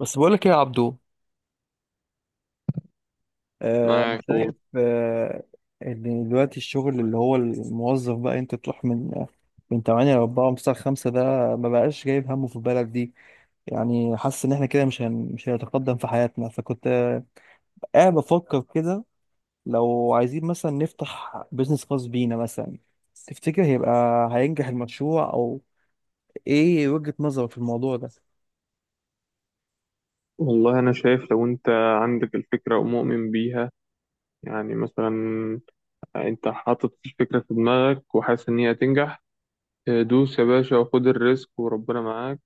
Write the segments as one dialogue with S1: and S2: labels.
S1: بس بقولك ايه يا عبدو، أنا
S2: معاك قول.
S1: شايف، إن دلوقتي الشغل اللي هو الموظف بقى أنت تروح من 8 ل 4 ومن 9 ل 5، ده ما بقاش جايب همه في البلد دي. يعني حاسس إن إحنا كده مش هنتقدم في حياتنا، فكنت قاعد بفكر كده، لو عايزين مثلا نفتح بيزنس خاص بينا مثلا، تفتكر هينجح المشروع؟ أو إيه وجهة نظرك في الموضوع ده؟
S2: والله أنا شايف لو أنت عندك الفكرة ومؤمن بيها، يعني مثلا أنت حاطط الفكرة في دماغك وحاسس إن هي هتنجح. دوس يا باشا وخد الريسك وربنا معاك.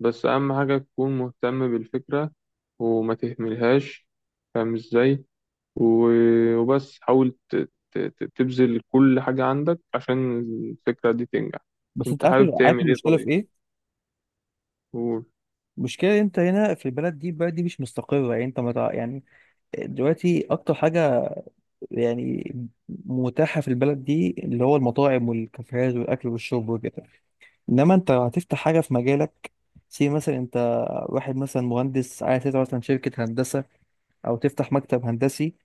S2: بس أهم حاجة تكون مهتم بالفكرة وما تهملهاش، فاهم إزاي. وبس حاول تبذل كل حاجة عندك عشان الفكرة دي تنجح.
S1: بس أنت
S2: أنت
S1: عارف.
S2: حابب
S1: عارف
S2: تعمل إيه
S1: المشكلة في
S2: طيب؟
S1: إيه؟
S2: قول.
S1: المشكلة أنت هنا في البلد دي البلد دي مش مستقرة، يعني أنت ما تع- يعني دلوقتي اكتر حاجه يعني متاحه في البلد دي اللي هو المطاعم والكافيهات والاكل والشرب وكده، انما انت هتفتح حاجه في مجالك. سي، مثلا انت واحد مثلا مهندس عايز تفتح مثلا شركه هندسه او تفتح مكتب هندسي،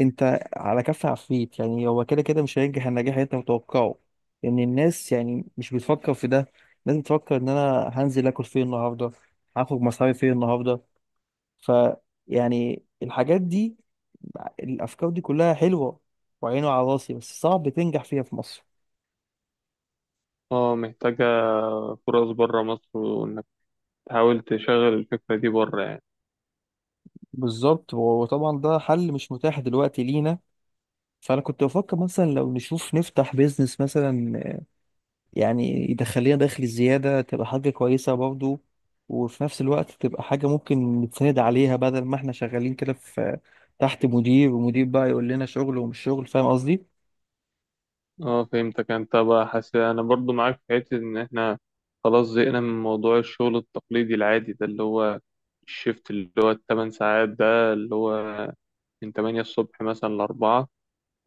S1: انت على كف عفريت. يعني هو كده كده مش هينجح النجاح اللي انت متوقعه، لان الناس يعني مش بتفكر في ده. الناس بتفكر ان انا هنزل اكل فين النهارده، هاخد مصاري فين النهارده. ف يعني الحاجات دي، الافكار دي كلها حلوه وعينه على راسي، بس صعب تنجح فيها في مصر.
S2: اه، محتاجة فرص بره مصر، وإنك تحاول تشغل الفكرة دي بره يعني.
S1: بالظبط. وطبعا ده حل مش متاح دلوقتي لينا. فانا كنت بفكر مثلا لو نشوف نفتح بيزنس مثلا، يعني يدخل لنا دخل زياده، تبقى حاجه كويسه برضو، وفي نفس الوقت تبقى حاجه ممكن نتسند عليها، بدل ما احنا شغالين كده في تحت مدير، ومدير بقى يقول لنا شغل ومش شغل، فاهم قصدي؟
S2: اه فهمتك، انت بقى حاسس انا برضو معاك في حتة ان احنا خلاص زهقنا من موضوع الشغل التقليدي العادي ده، اللي هو الشيفت اللي هو التمن ساعات ده، اللي هو من 8 الصبح مثلا ل4،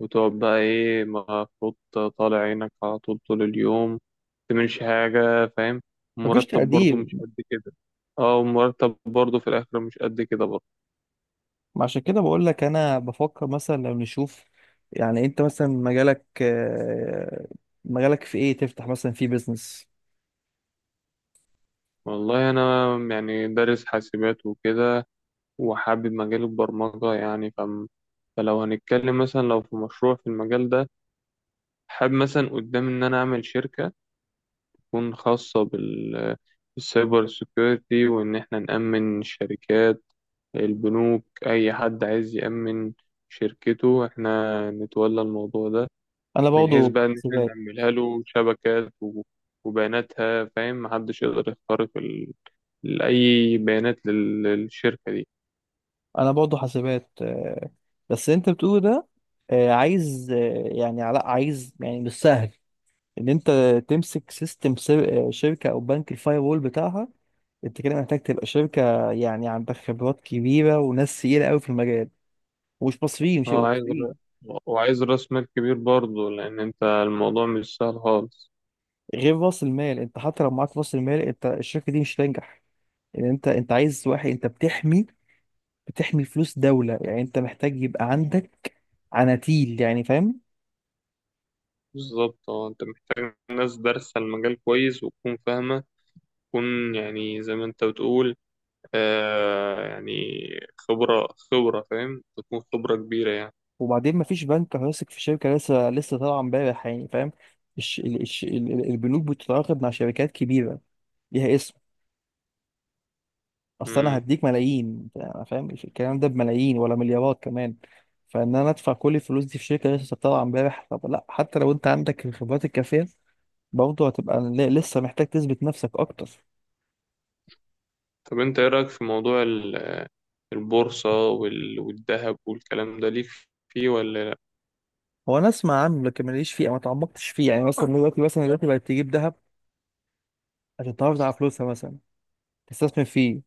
S2: وتقعد بقى ايه مفروض طالع عينك على طول طول اليوم متعملش حاجة، فاهم.
S1: مفيش
S2: المرتب برضو
S1: تقدير.
S2: مش قد كده. اه، والمرتب برضو في الآخر مش قد كده برضو.
S1: ما عشان كده بقول لك انا بفكر مثلا لو نشوف، يعني انت مثلا مجالك، مجالك في ايه؟ تفتح مثلا في بيزنس؟
S2: والله أنا يعني دارس حاسبات وكده، وحابب مجال البرمجة يعني، فلو هنتكلم مثلا لو في مشروع في المجال ده، حابب مثلا قدام إن أنا أعمل شركة تكون خاصة بالسايبر سيكيورتي، وإن إحنا نأمن الشركات، البنوك، أي حد عايز يأمن شركته إحنا نتولى الموضوع ده،
S1: انا
S2: من حيث
S1: برضه
S2: بقى إن إحنا
S1: حاسبات.
S2: نعملها له شبكات وبياناتها، فاهم، محدش يقدر يخترق أي بيانات للشركة دي.
S1: انا برضه حاسبات، بس انت بتقول ده، عايز، يعني علاء عايز، يعني مش سهل ان انت تمسك سيستم شركه او بنك الفاير وول بتاعها. انت كده محتاج تبقى شركه، يعني عندك خبرات كبيره وناس تقيله قوي في المجال. ومش مصريين مش
S2: اه
S1: هيبقوا
S2: عايز ر-
S1: مصريين.
S2: وعايز راس مال كبير برضه، لان انت الموضوع مش سهل خالص.
S1: غير راس المال، انت حتى لو معاك راس المال، انت الشركه دي مش هتنجح. يعني انت عايز واحد. انت بتحمي فلوس دوله، يعني انت محتاج يبقى عندك عناتيل، يعني فاهم.
S2: بالظبط، اه انت محتاج ناس دارسة المجال كويس وتكون فاهمة، تكون يعني زي ما انت بتقول، يعني خبرة خبرة، فاهم، تكون خبرة كبيرة يعني.
S1: وبعدين مفيش بنك هيثق في شركه لسه لسه طالعه امبارح، يعني فاهم. البنوك بتتعاقد مع شركات كبيره ليها اسم. اصل انا
S2: مم.
S1: هديك ملايين، أنا فاهم الكلام ده بملايين ولا مليارات كمان. فان انا ادفع كل الفلوس دي في شركه لسه طالعه امبارح؟ طب لا، حتى لو انت عندك الخبرات الكافيه، برضه هتبقى لسه محتاج تثبت نفسك اكتر.
S2: طب انت ايه رأيك في موضوع البورصة والذهب والكلام ده؟ ليك فيه ولا لا؟
S1: هو انا اسمع عنه، لكن ماليش فيه او ما تعمقتش فيه. يعني مثلا دلوقتي بقت تجيب ذهب عشان تحافظ على فلوسها، مثلا تستثمر فيه.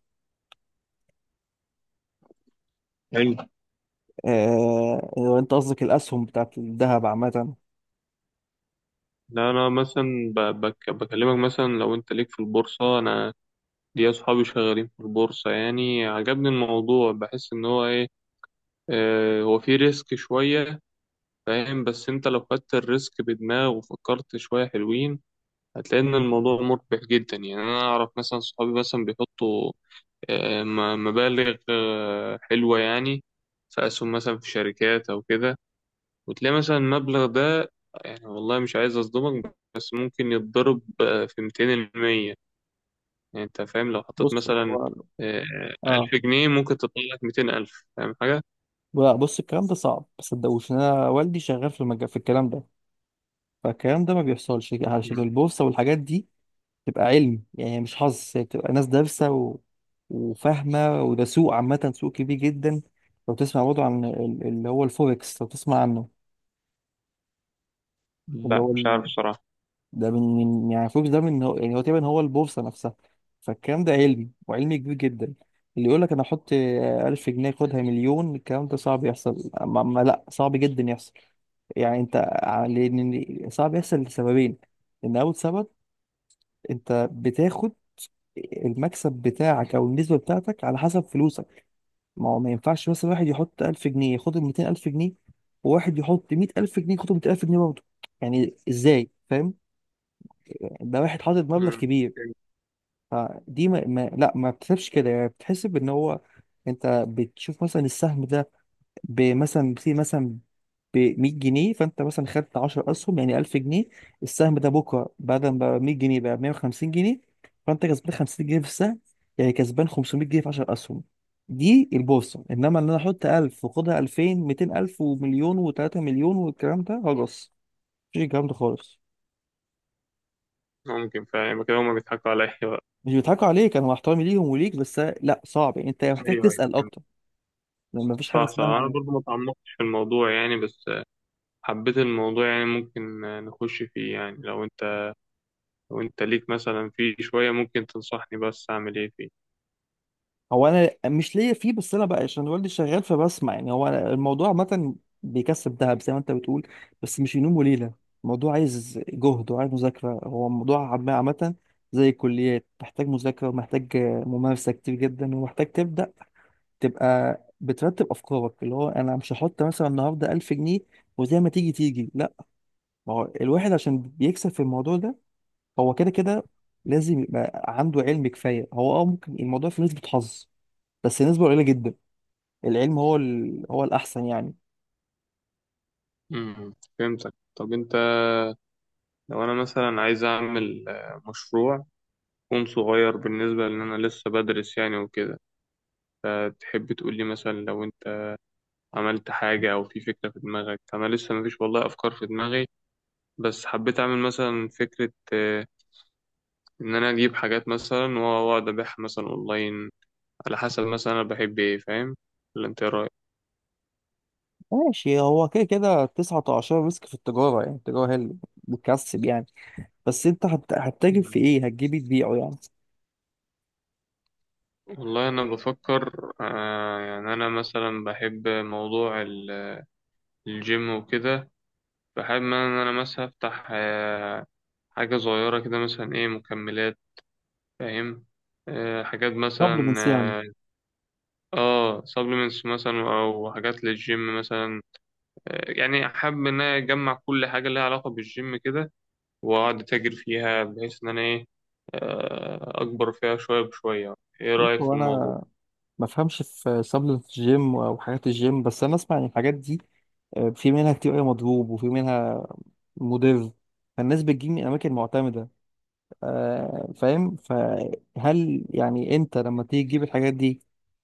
S2: حلو.
S1: لو انت قصدك الاسهم بتاعت الذهب عامه.
S2: لا، انا مثلا بكلمك مثلا لو انت ليك في البورصة، انا دي أصحابي شغالين في البورصة، يعني عجبني الموضوع، بحس إن هو إيه، هو فيه ريسك شوية، فاهم، بس أنت لو خدت الريسك بدماغ وفكرت شوية حلوين هتلاقي إن الموضوع مربح جدا، يعني أنا أعرف مثلا صحابي مثلا بيحطوا مبالغ حلوة يعني، في أسهم مثلا في شركات أو كده، وتلاقي مثلا المبلغ ده، يعني والله مش عايز أصدمك، بس ممكن يتضرب في 200%، يعني انت فاهم، لو حطيت
S1: بص
S2: مثلا
S1: هو.
S2: آه،
S1: اه.
S2: 1000 جنيه ممكن تطلع لك 200 ألف، فاهم حاجة؟
S1: لا، بص، الكلام ده صعب. ما تصدقوش، إن انا والدي شغال في الكلام ده. فالكلام ده ما بيحصلش. عشان
S2: مم.
S1: البورصه والحاجات دي تبقى علم، يعني مش حظ، هي بتبقى ناس دارسة وفاهمة، وده سوق عامة، سوق كبير جدا. لو تسمع برضه عن اللي هو الفوركس، لو تسمع عنه، اللي
S2: لا
S1: هو
S2: مش
S1: ال...
S2: عارف الصراحة.
S1: ده يعني الفوركس ده من هو، يعني هو تقريبا هو البورصة نفسها. فالكلام ده علمي، وعلمي كبير جدا. اللي يقول لك أنا أحط ألف جنيه خدها مليون، الكلام ده صعب يحصل، ما... ما لا، صعب جدا يحصل. يعني أنت لأن صعب يحصل لسببين. إن أول سبب، أنت بتاخد المكسب بتاعك او النسبه بتاعتك على حسب فلوسك. ما هو ما ينفعش مثلا واحد يحط 1000 جنيه ياخد ال 200000 جنيه، وواحد يحط 100000 جنيه ياخد 200000 جنيه برضه. يعني ازاي؟ فاهم؟ ده واحد حاطط مبلغ
S2: مم.
S1: كبير. فدي ما, ما لا ما بتحسبش كده، يعني بتحسب ان هو، انت بتشوف مثلا السهم ده بمثلا في مثلا ب 100 جنيه، فانت مثلا خدت 10 اسهم، يعني 1000 جنيه. السهم ده بكره بعد ما بقى 100 جنيه بقى 150 جنيه، فانت كسبان 50 جنيه في السهم، يعني كسبان 500 جنيه في 10 اسهم. دي البورصه. انما ان انا احط 1000 واخدها 2000، 200000، ومليون، و3 مليون، والكلام ده هجص. مفيش الكلام ده خالص.
S2: ممكن، فاهم كده هما بيضحكوا عليا بقى.
S1: مش بيضحكوا عليك. انا مع احترامي ليهم وليك، بس لا، صعب. يعني انت محتاج
S2: أيوه أيوه
S1: تسال اكتر،
S2: فهمت.
S1: لان مفيش حاجه
S2: صح صح، أنا
S1: اسمها.
S2: برضو ما تعمقتش في الموضوع يعني، بس حبيت الموضوع يعني، ممكن نخش فيه يعني، لو أنت ليك مثلا فيه شوية ممكن تنصحني بس أعمل إيه فيه.
S1: هو انا مش ليا فيه، بس انا بقى عشان والدي شغال فبسمع. يعني هو، أنا الموضوع عامه بيكسب دهب زي ما انت بتقول، بس مش ينوم وليله. الموضوع عايز جهد وعايز مذاكره. هو الموضوع عامه زي الكليات، محتاج مذاكره ومحتاج ممارسه كتير جدا، ومحتاج تبدا تبقى بترتب افكارك. اللي هو انا مش هحط مثلا النهارده 1000 جنيه وزي ما تيجي تيجي، لا. ما هو الواحد عشان بيكسب في الموضوع ده، هو كده كده لازم يبقى عنده علم كفايه. هو اه، ممكن الموضوع في نسبه حظ، بس نسبة قليلة جدا. العلم هو هو الأحسن يعني.
S2: مم. فهمتك. طب أنت لو أنا مثلا عايز أعمل مشروع يكون صغير بالنسبة، لأن أنا لسه بدرس يعني وكده، تحب تقول لي مثلا لو انت عملت حاجة او في فكرة في دماغك، انا لسه مفيش والله افكار في دماغي، بس حبيت اعمل مثلا فكرة، ان انا اجيب حاجات مثلا واقعد ابيعها مثلا اونلاين، على حسب مثلا انا بحب ايه، فاهم، ولا انت إيه رايك؟
S1: ماشي. هو كده كده 19 مسك في التجارة، يعني التجارة هي اللي بتكسب. يعني بس أنت هتتاجر في
S2: مم.
S1: إيه؟ هتجيبي تبيعه يعني؟
S2: والله انا بفكر، يعني انا مثلا بحب موضوع الجيم وكده، فحابب ان انا مثلا افتح حاجة صغيرة كده، مثلا ايه، مكملات، فاهم، حاجات مثلا،
S1: سبلمنتس يعني؟
S2: اه سبلمنتس مثلا او حاجات للجيم مثلا، يعني حابب ان انا اجمع كل حاجه لها علاقه بالجيم كده، واقعد اتاجر فيها بحيث ان انا ايه، اكبر فيها شويه بشويه، ايه
S1: بص
S2: رايك في
S1: هو
S2: الموضوع؟
S1: أنا ما أفهمش في سبلمنتس الجيم أو حاجات الجيم، بس أنا أسمع إن الحاجات دي، في منها كتير أوي مضروب، وفي منها مضر. فالناس بتجيب من أماكن معتمدة، فاهم؟ فهل يعني انت لما تيجي تجيب الحاجات دي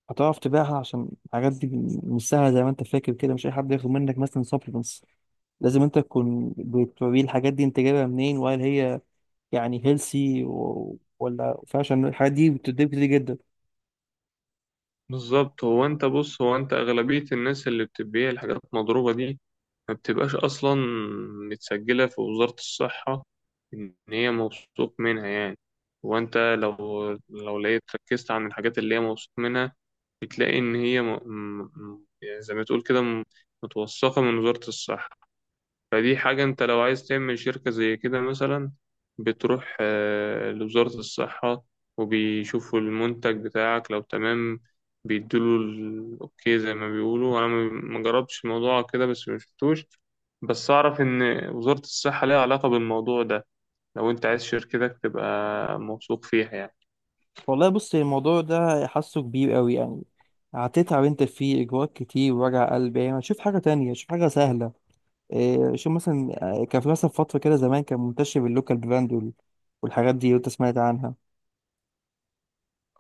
S1: هتعرف تبيعها؟ عشان الحاجات دي مش سهله زي ما انت فاكر كده، مش اي حد ياخد منك مثلا سبلمنتس. لازم انت تكون بتوريه الحاجات دي انت جايبها منين، وهل هي يعني هيلسي ولا؟ فعشان الحاجات دي بتديك كتير جدا.
S2: بالظبط، هو انت اغلبيه الناس اللي بتبيع الحاجات المضروبه دي ما بتبقاش اصلا متسجله في وزاره الصحه، ان هي موثوق منها يعني، وانت لو لقيت ركزت عن الحاجات اللي هي موثوق منها، بتلاقي إن هي يعني زي ما تقول كده متوثقة من وزارة الصحة، فدي حاجة أنت لو عايز تعمل شركة زي كده مثلا، بتروح لوزارة الصحة وبيشوفوا المنتج بتاعك، لو تمام بيدوله الأوكي زي ما بيقولوا، أنا ما جربتش الموضوع كده، بس ما شفتوش، بس أعرف إن وزارة الصحة ليها علاقة بالموضوع ده، لو أنت عايز شركتك تبقى موثوق فيها يعني.
S1: والله بص، الموضوع ده حاسه كبير قوي يعني، هتتعب انت فيه، اجراءات كتير ووجع قلب يعني. شوف حاجه تانية، شوف حاجه سهله. شوف مثلا، كان في مثلا فترة كده زمان كان منتشر اللوكال براند والحاجات دي، لو انت سمعت عنها.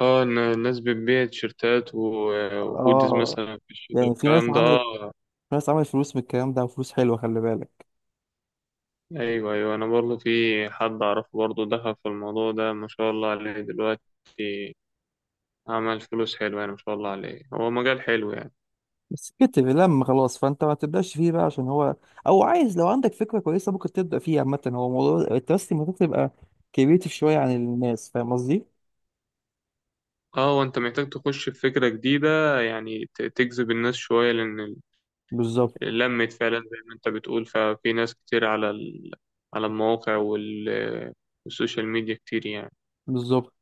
S2: اه، إن الناس بتبيع تيشيرتات وهوديز
S1: اه.
S2: مثلا في الشتاء
S1: يعني
S2: والكلام ده، اه.
S1: في ناس عملت فلوس من الكلام ده، وفلوس حلوة، خلي بالك.
S2: ايوه ايوه، انا برضه في حد اعرفه برضه دخل في الموضوع ده، ما شاء الله عليه، دلوقتي عمل فلوس حلوة يعني، ما شاء الله عليه، هو مجال حلو يعني.
S1: بس كتر لما خلاص، فانت ما تبدأش فيه بقى عشان هو. او عايز، لو عندك فكرة كويسة ممكن تبدأ فيه. عامة هو موضوع التراست، المفروض تبقى كريتيف شوية عن الناس. فاهم قصدي؟
S2: اه، وانت محتاج تخش بفكرة جديدة يعني، تجذب الناس شوية، لان
S1: بالظبط.
S2: لمت فعلا زي ما انت بتقول، ففي ناس كتير على على المواقع والسوشيال ميديا كتير يعني.
S1: بالظبط،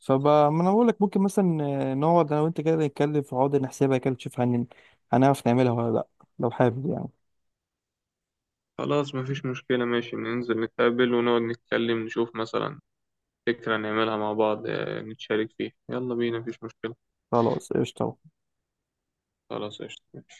S1: فبقى ما انا بقول لك، ممكن مثلا، نقعد انا وانت كده نتكلم في عقد نحسبها كده، نشوف هنعرف نعملها ولا لا، لو حابب يعني.
S2: خلاص مفيش مشكلة، ماشي، ننزل نتقابل ونقعد نتكلم نشوف مثلا فكرة نعملها مع بعض، نتشارك فيها، يلا بينا مفيش مشكلة.
S1: خلاص قشطة.
S2: خلاص قشطة.